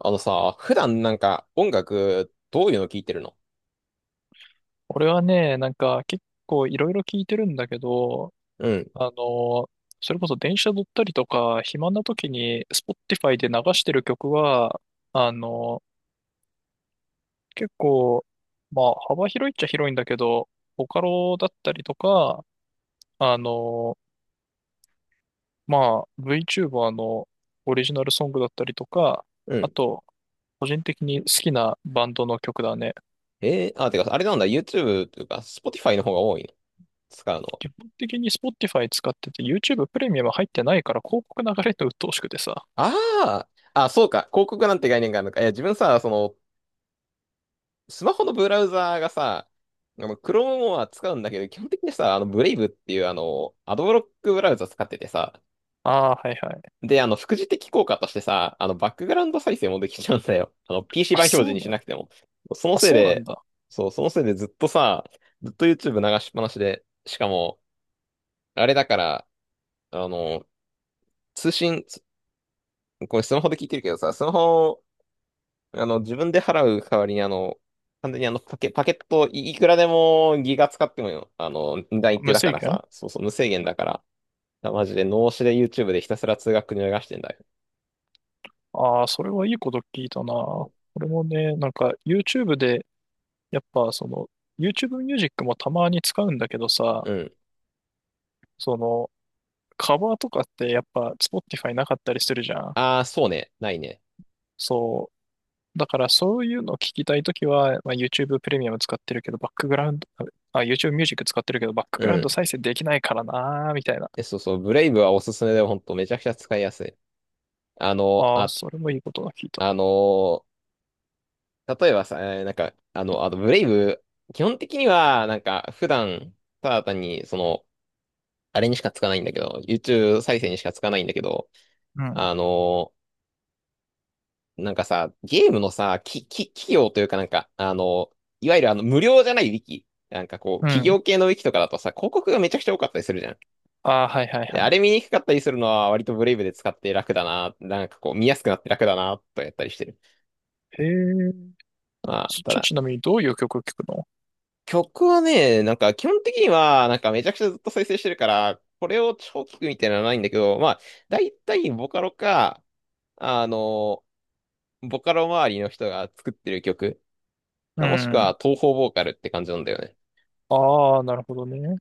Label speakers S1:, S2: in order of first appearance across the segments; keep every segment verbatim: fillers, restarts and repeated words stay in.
S1: あのさ、普段なんか音楽どういうの聞いてるの？
S2: 俺はね、なんか結構いろいろ聞いてるんだけど、
S1: うん、
S2: あの、それこそ電車乗ったりとか、暇な時に Spotify で流してる曲は、あの、結構、まあ幅広いっちゃ広いんだけど、ボカロだったりとか、あの、まあ VTuber のオリジナルソングだったりとか、
S1: う
S2: あ
S1: ん。
S2: と、個人的に好きなバンドの曲だね。
S1: えー、あ、てか、あれなんだ、YouTube というか、Spotify の方が多いの？使うのは。
S2: 基本的に Spotify 使ってて YouTube プレミアム入ってないから広告流れるの鬱陶しくてさ。
S1: ああ、あ、そうか、広告なんて概念があるのか。いや、自分さ、その、スマホのブラウザーがさ、あの Chrome は使うんだけど、基本的にさ、あの、Brave っていう、あの、アドブロックブラウザ使っててさ。
S2: ああ、はいはい。
S1: で、あの、副次的効果としてさ、あの、バックグラウンド再生もできちゃうんだよ。あの、ピーシー
S2: あ、
S1: 版表示
S2: そう
S1: にし
S2: なん
S1: な
S2: だ。
S1: くても。その
S2: あ、
S1: せい
S2: そうなん
S1: で、
S2: だ。
S1: そう、そのせいでずっとさ、ずっと YouTube 流しっぱなしで、しかも、あれだから、あの、通信、つこれスマホで聞いてるけどさ、スマホを、あの、自分で払う代わりに、あの、完全にあの、パケ、パケットい、いくらでもギガ使ってもよ、あの、値段一定
S2: 無
S1: だか
S2: 制
S1: ら
S2: 限。
S1: さ、そうそう、無制限だから、マジで脳死で YouTube でひたすら通学に流してんだ
S2: ああー、それはいいこと聞いたな。
S1: よ。
S2: 俺もね、なんか YouTube で、やっぱその、YouTube ミュージックもたまに使うんだけどさ、
S1: うん。
S2: その、カバーとかってやっぱ Spotify なかったりするじゃん。
S1: ああ、そうね、ないね。
S2: そう。だからそういうのを聞きたいときは、まあ、YouTube プレミアム使ってるけど、バックグラウンド、あ、YouTube ミュージック使ってるけど、バック
S1: う
S2: グラウン
S1: ん。
S2: ド再生できないからなー、みたいな。
S1: えそうそう、ブレイブはおすすめで、ほんとめちゃくちゃ使いやすい。あの、
S2: ああ、
S1: あ、
S2: それもいいことが聞いた。
S1: あの、例えばさ、えーなんか、あの、あとブレイブ、基本的には、なんか、普段、ただ単に、その、あれにしかつかないんだけど、YouTube 再生にしかつかないんだけど、
S2: うん。
S1: あの、なんかさ、ゲームのさ、き、き、企業というかなんか、あの、いわゆるあの、無料じゃないウィキ。なんかこう、
S2: う
S1: 企
S2: ん。
S1: 業系のウィキとかだとさ、広告がめちゃくちゃ多かったりするじゃん。
S2: ああ、はいはい
S1: で
S2: は
S1: あ
S2: い。
S1: れ見にくかったりするのは割とブレイブで使って楽だな。なんかこう見やすくなって楽だな、とやったりしてる。
S2: へえ。
S1: まあ、
S2: ち
S1: た
S2: ょ、
S1: だ、
S2: ちなみにどういう曲を聴くの？
S1: 曲はね、なんか基本的にはなんかめちゃくちゃずっと再生してるから、これを超聞くみたいなのはないんだけど、まあ、だいたいボカロか、あの、ボカロ周りの人が作ってる曲
S2: う
S1: か、もしく
S2: ん。
S1: は東方ボーカルって感じなんだよね。
S2: ああ、なるほどね。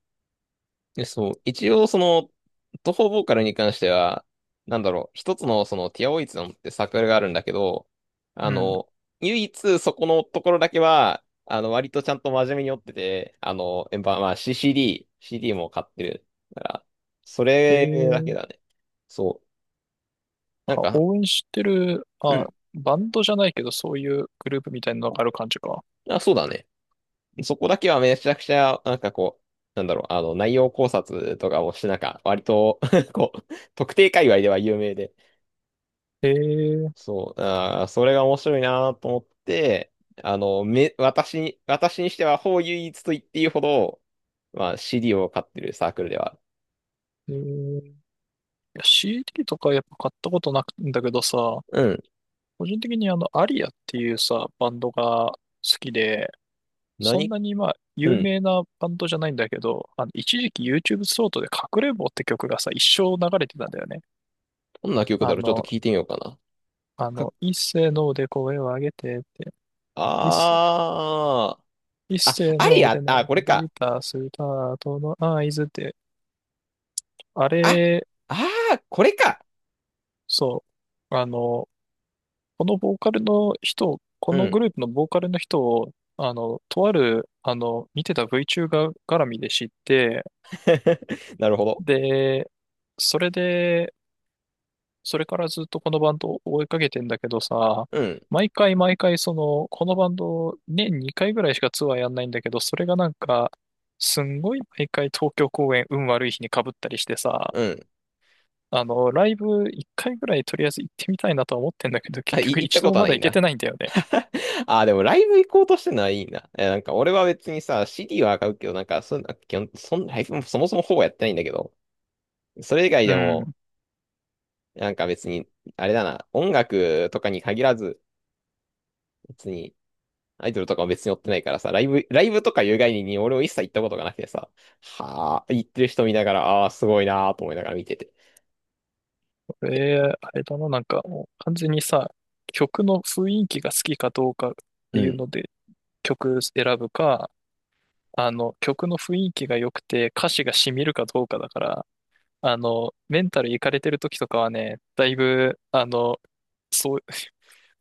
S1: で、そう、一応その、東方ボーカルに関しては、なんだろう、一つのそのティアオイツのってサークルがあるんだけど、あ
S2: うん。
S1: の、唯一そこのところだけは、あの、割とちゃんと真面目に追ってて、あの、えまあ、まあ シーシーディー、シーディー も買ってるから、そ
S2: え
S1: れだけ
S2: え。
S1: だね。そう。なん
S2: あ、
S1: か、
S2: 応援してる、
S1: う
S2: ま
S1: ん。
S2: あ、バンドじゃないけど、そういうグループみたいなのがある感じか。
S1: あ、そうだね。そこだけはめちゃくちゃ、なんかこう、なんだろう、あの、内容考察とかもして、なんか、割と こう、特定界隈では有名で、
S2: ええ。
S1: そう、あー、それが面白いなと思って、あの、め、私に、私にしては、ほう唯一と言っていいほど、まあ、シーディー を買ってるサークルではある。
S2: ええ。いや、 シーディー とかやっぱ買ったことなくんだけどさ、個人的にあの、アリアっていうさ、バンドが好きで、
S1: うん。
S2: そん
S1: 何？
S2: なにまあ、
S1: う
S2: 有
S1: ん。
S2: 名なバンドじゃないんだけど、あの、一時期 YouTube ショートで隠れんぼって曲がさ、一生流れてたんだよね。
S1: どんな曲
S2: あ
S1: だろうちょっと
S2: の、
S1: 聞いてみようかな。
S2: あ
S1: か、
S2: の、一斉ので声を上げてって、一斉、
S1: あー。
S2: 一
S1: あ、
S2: 斉
S1: アリ
S2: ので
S1: ア、
S2: 鳴
S1: あ、
S2: り
S1: これ
S2: 響い
S1: か。
S2: たスタートの合図って、あ
S1: あ、
S2: れ、
S1: あー、これか。
S2: そう、あの、このボーカルの人、こ
S1: う
S2: のグ
S1: ん。
S2: ループのボーカルの人を、あの、とある、あの、見てた VTuber 絡みで知って、
S1: なるほど。
S2: で、それで、それからずっとこのバンドを追いかけてんだけどさ、
S1: うん。
S2: 毎回毎回その、このバンド年にかいぐらいしかツアーやんないんだけど、それがなんか、すんごい毎回東京公演運悪い日に被ったりしてさ、
S1: うん。
S2: あの、ライブいっかいぐらいとりあえず行ってみたいなとは思ってんだけど、
S1: あ、
S2: 結
S1: い、
S2: 局
S1: 行った
S2: 一度
S1: こ
S2: も
S1: とは
S2: ま
S1: な
S2: だ
S1: いん
S2: 行け
S1: だ。
S2: てないんだよね。
S1: ああ、でもライブ行こうとしてるのはいいな。え、なんか俺は別にさ、シーディー は買うけど、なんかそんな、基本、そん、ライブもそもそもほぼやってないんだけど、それ以外
S2: う
S1: でも、
S2: ん。
S1: なんか別に、あれだな、音楽とかに限らず、別に、アイドルとかも別に追ってないからさ、ライブ、ライブとかいう概念に俺も一切行ったことがなくてさ、はあ、行ってる人見ながら、ああ、すごいなーと思いながら見てて。
S2: これ、あれだな、なんかもう完全にさ、曲の雰囲気が好きかどうかって
S1: う
S2: いう
S1: ん。
S2: ので曲選ぶか、あの、曲の雰囲気が良くて、歌詞が染みるかどうかだから、あの、メンタルいかれてる時とかはね、だいぶ、あの、そう、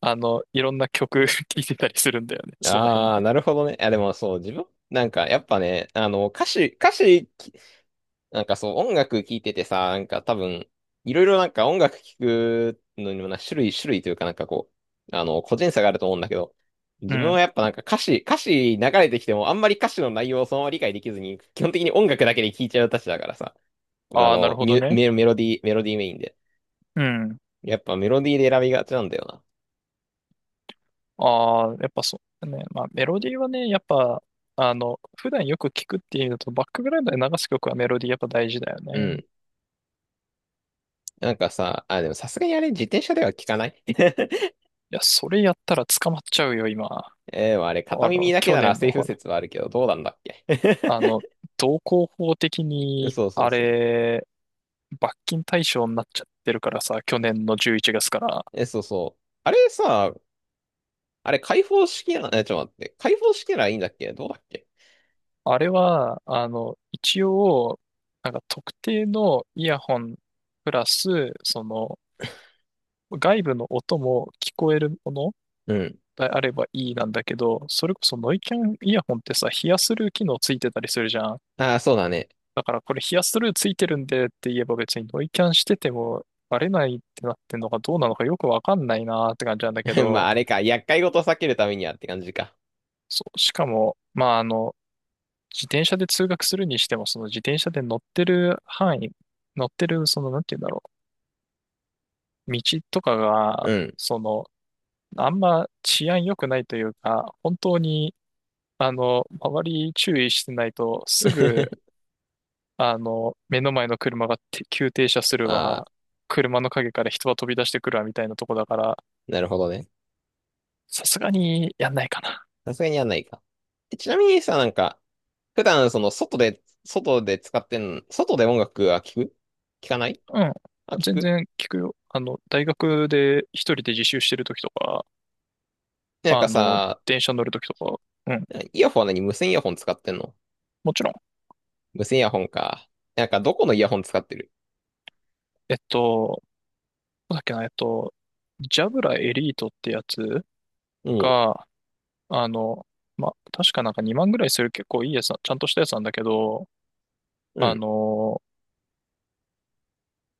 S2: あの、いろんな曲 聴いてたりするんだよね、その辺も。
S1: ああ、なるほどね。いや、でもそう、自分、なんかやっぱね、あの、歌詞、歌詞なんかそう、音楽聴いててさ、なんか多分、いろいろなんか音楽聴くのにもな、種類、種類というかなんかこう、あの、個人差があると思うんだけど、
S2: う
S1: 自分
S2: ん。
S1: はやっぱなんか歌詞、歌詞流れてきてもあんまり歌詞の内容をそのまま理解できずに、基本的に音楽だけで聴いちゃうたちだからさ、あ
S2: ああ、な
S1: の、
S2: るほ
S1: ミ
S2: ど
S1: ュ
S2: ね。
S1: メ、メロディー、メロディーメインで。
S2: うん。
S1: やっぱメロディーで選びがちなんだよな。
S2: ああ、やっぱそうね。まあ、メロディーはね、やっぱ、あの、普段よく聴くっていうのと、バックグラウンドで流す曲はメロディーやっぱ大事だよ
S1: う
S2: ね。
S1: ん。なんかさ、あ、でもさすがにあれ自転車では聞かない。
S2: いや、それやったら捕まっちゃうよ、今。
S1: えー、でもあれ片
S2: あの、
S1: 耳だけ
S2: 去
S1: なら
S2: 年
S1: セ
S2: の
S1: ーフ
S2: ほら
S1: 説はあるけど、どうなんだっけ？
S2: あの、道交法的 に、
S1: そうそう
S2: あ
S1: そう。
S2: れ、罰金対象になっちゃってるからさ、去年のじゅういちがつから。
S1: え、そうそう。あれさ、あれ開放式な、え、ちょっと待って。開放式ならいいんだっけ？どうだっけ？
S2: あれは、あの、一応、なんか特定のイヤホンプラス、その、外部の音も聞こえるもの
S1: うん。
S2: であればいいなんだけど、それこそノイキャンイヤホンってさ、ヒアスルー機能ついてたりするじゃん。
S1: ああ、そうだね。
S2: だからこれヒアスルーついてるんでって言えば別にノイキャンしててもバレないってなってんのかどうなのかよくわかんないなーって感じなんだけ
S1: まあ、
S2: ど、
S1: あれか。厄介事を避けるためにはって感じか。
S2: そう、しかも、まあ、あの、自転車で通学するにしても、その自転車で乗ってる範囲、乗ってる、その、なんて言うんだろう、道とか
S1: う
S2: が、
S1: ん。
S2: その、あんま治安良くないというか、本当に、あの、周り注意してないと、すぐ、あの、目の前の車がて急停車する
S1: ああ、
S2: わ、車の陰から人が飛び出してくるわ、みたいなとこだから、
S1: なるほどね。
S2: さすがにやんないかな。
S1: さすがにやんないか。えちなみにさ、なんか、普段その外で、外で使ってん、外で音楽は聞く？聞かない？
S2: うん。
S1: あ、聞
S2: 全
S1: く。
S2: 然聞くよ。あの、大学で一人で自習してる時とか、
S1: なん
S2: あ
S1: か
S2: の、
S1: さ、
S2: 電車乗るときとか、うん、
S1: イヤホンは何？無線イヤホン使ってんの？
S2: もちろん。
S1: 無線イヤホンか。なんかどこのイヤホン使ってる？
S2: えっと、どうだっけな、えっと、ジャブラエリートってやつ
S1: も
S2: が、あの、ま、確かなんかにまんぐらいする結構いいやつな、ちゃんとしたやつなんだけど、
S1: う、う
S2: あ
S1: ん。
S2: の、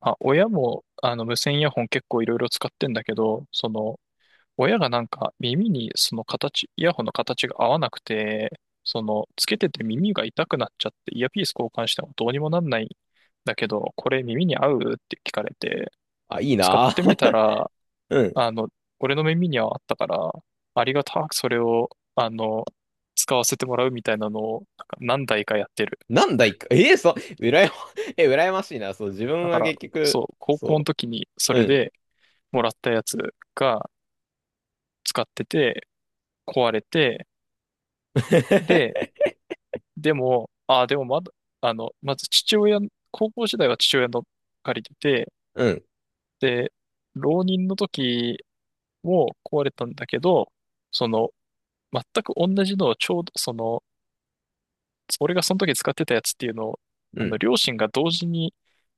S2: あ、親も、あの、無線イヤホン結構いろいろ使ってんだけど、その、親がなんか耳にその形、イヤホンの形が合わなくて、その、つけてて耳が痛くなっちゃって、イヤピース交換してもどうにもなんないんだけど、これ耳に合うって聞かれて、
S1: あ、いい
S2: 使っ
S1: な
S2: てみた
S1: ぁ。
S2: ら、
S1: うん、
S2: あの、俺の耳にはあったから、ありがたくそれを、あの、使わせてもらうみたいなのを、なんか何台かやってる。
S1: なんだいか、ええそう、うらやま、え、羨ましいな。そう、自分
S2: だか
S1: は
S2: ら、
S1: 結
S2: そ
S1: 局、
S2: う、高校の
S1: そ
S2: 時にそ
S1: う、う
S2: れ
S1: ん。
S2: でもらったやつが使ってて、壊れて、で、でも、ああ、でもまだ、あの、まず父親、高校時代は父親の借りてて、
S1: うん、
S2: で、浪人の時も壊れたんだけど、その、全く同じのをちょうど、その、俺がその時使ってたやつっていうのを、
S1: う
S2: あの、
S1: ん、
S2: 両親が同時に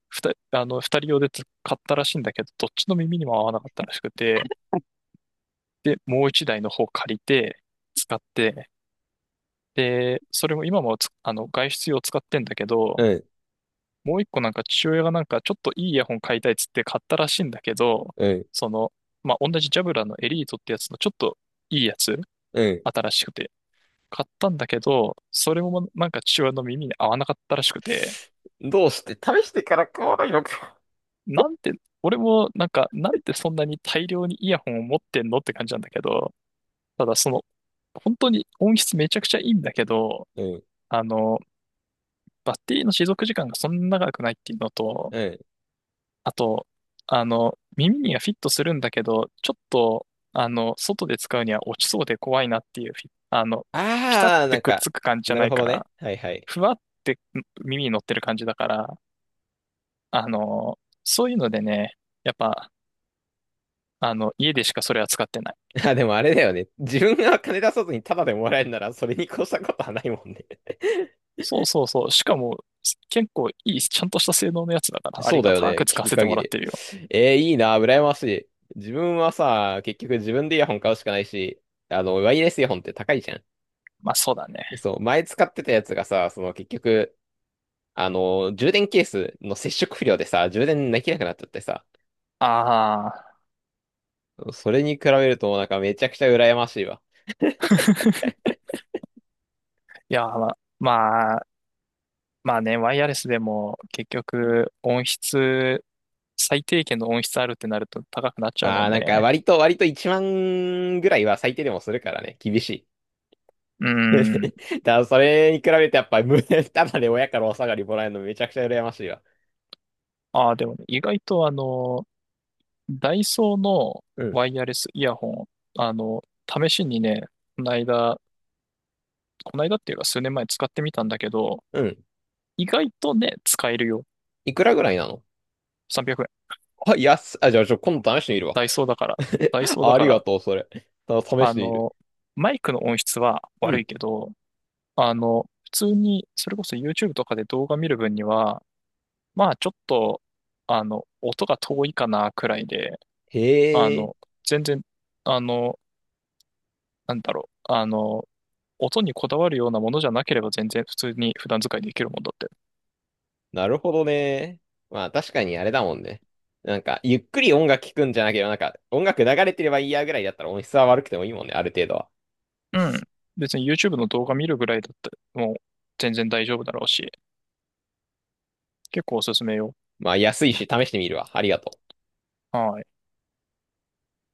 S2: 二人、あの、二人用で買ったらしいんだけど、どっちの耳にも合わなかったらしくて、で、もう一台の方借りて、使って、で、それも今もつあの、外出用使ってんだけ
S1: う
S2: ど、
S1: ん、
S2: もう一個なんか父親がなんかちょっといいイヤホン買いたいっつって買ったらしいんだけど、
S1: うん、
S2: その、まあ、同じジャブラのエリートってやつのちょっといいやつ、
S1: う
S2: 新しくて、買ったんだけど、それもなんか父親の耳に合わなかったらしくて、
S1: ん。どうして、試してから買わないのか。
S2: なんて、俺もなんか、なんてそんなに大量にイヤホンを持ってんのって感じなんだけど、ただその、本当に音質めちゃくちゃいいんだけど、
S1: うん、
S2: あの、バッテリーの持続時間がそんな長くないっていうのと、
S1: うん。
S2: あと、あの、耳にはフィットするんだけど、ちょっと、あの、外で使うには落ちそうで怖いなっていうフィ、あの、ピタっ
S1: ああ、な
S2: て
S1: ん
S2: くっ
S1: か、
S2: つく感じじゃ
S1: な
S2: な
S1: る
S2: い
S1: ほ
S2: か
S1: どね。
S2: ら、
S1: はいはい。
S2: ふわって耳に乗ってる感じだから、あの、そういうのでね、やっぱ、あの、家でしかそれは使ってない。
S1: あ、でもあれだよね。自分が金出さずにタダでもらえるなら、それに越したことはないもんね。
S2: そうそうそう。しかも、結構いい、ちゃんとした性能のやつだか ら、あ
S1: そ
S2: り
S1: うだ
S2: が
S1: よ
S2: た
S1: ね。
S2: く使
S1: 聞
S2: わ
S1: く
S2: せても
S1: 限
S2: らっ
S1: り。
S2: てるよ。
S1: えー、いいな、羨ましい。自分はさ、結局自分でイヤホン買うしかないし、あの、ワイヤレスイヤホンって高いじゃん。
S2: まあそうだね。
S1: そう、前使ってたやつがさ、その結局、あの、充電ケースの接触不良でさ、充電できなくなっちゃってさ。
S2: ああ。
S1: それに比べるとなんかめちゃくちゃ羨ましいわ。
S2: いや、まあ、まあ、まあね、ワイヤレスでも結局音質、最低限の音質あるってなると高くなっちゃう
S1: あ
S2: もん
S1: あ、なんか
S2: ね。
S1: 割と、割といちまんぐらいは最低でもするからね、厳しい。
S2: う
S1: だか
S2: ん。
S1: らそれに比べてやっぱ無駄、ただで親からお下がりもらえるのめちゃくちゃ羨ましいわ。
S2: ああ、でもね、意外とあの、ダイソーの
S1: うん。
S2: ワイヤレスイヤホン、あの、試しにね、この間、この間っていうか数年前使ってみたんだけど、
S1: うん。
S2: 意外とね、使えるよ。
S1: いくらぐらいなの？
S2: さんびゃく。
S1: あ、安っ、あ、じゃあちょ、今度試してみるわ。
S2: ダイソーだから、ダイ ソーだ
S1: あ
S2: か
S1: りが
S2: ら、
S1: とう、それ。た試
S2: あ
S1: してみる。
S2: の、マイクの音質は
S1: う
S2: 悪
S1: ん。
S2: いけど、あの、普通に、それこそ YouTube とかで動画見る分には、まあちょっと、あの、音が遠いかなくらいで、あ
S1: へえ。
S2: の、全然、あの、なんだろう、あの、音にこだわるようなものじゃなければ全然普通に普段使いできるもんだって。
S1: なるほどね。まあ確かにあれだもんね。なんか、ゆっくり音楽聴くんじゃなければ、なんか、音楽流れてればいいやぐらいだったら音質は悪くてもいいもんね、ある程度は。
S2: うん。別に YouTube の動画見るぐらいだって、もう全然大丈夫だろうし、結構おすすめよ。
S1: まあ安いし試してみるわ。ありがとう。
S2: はい。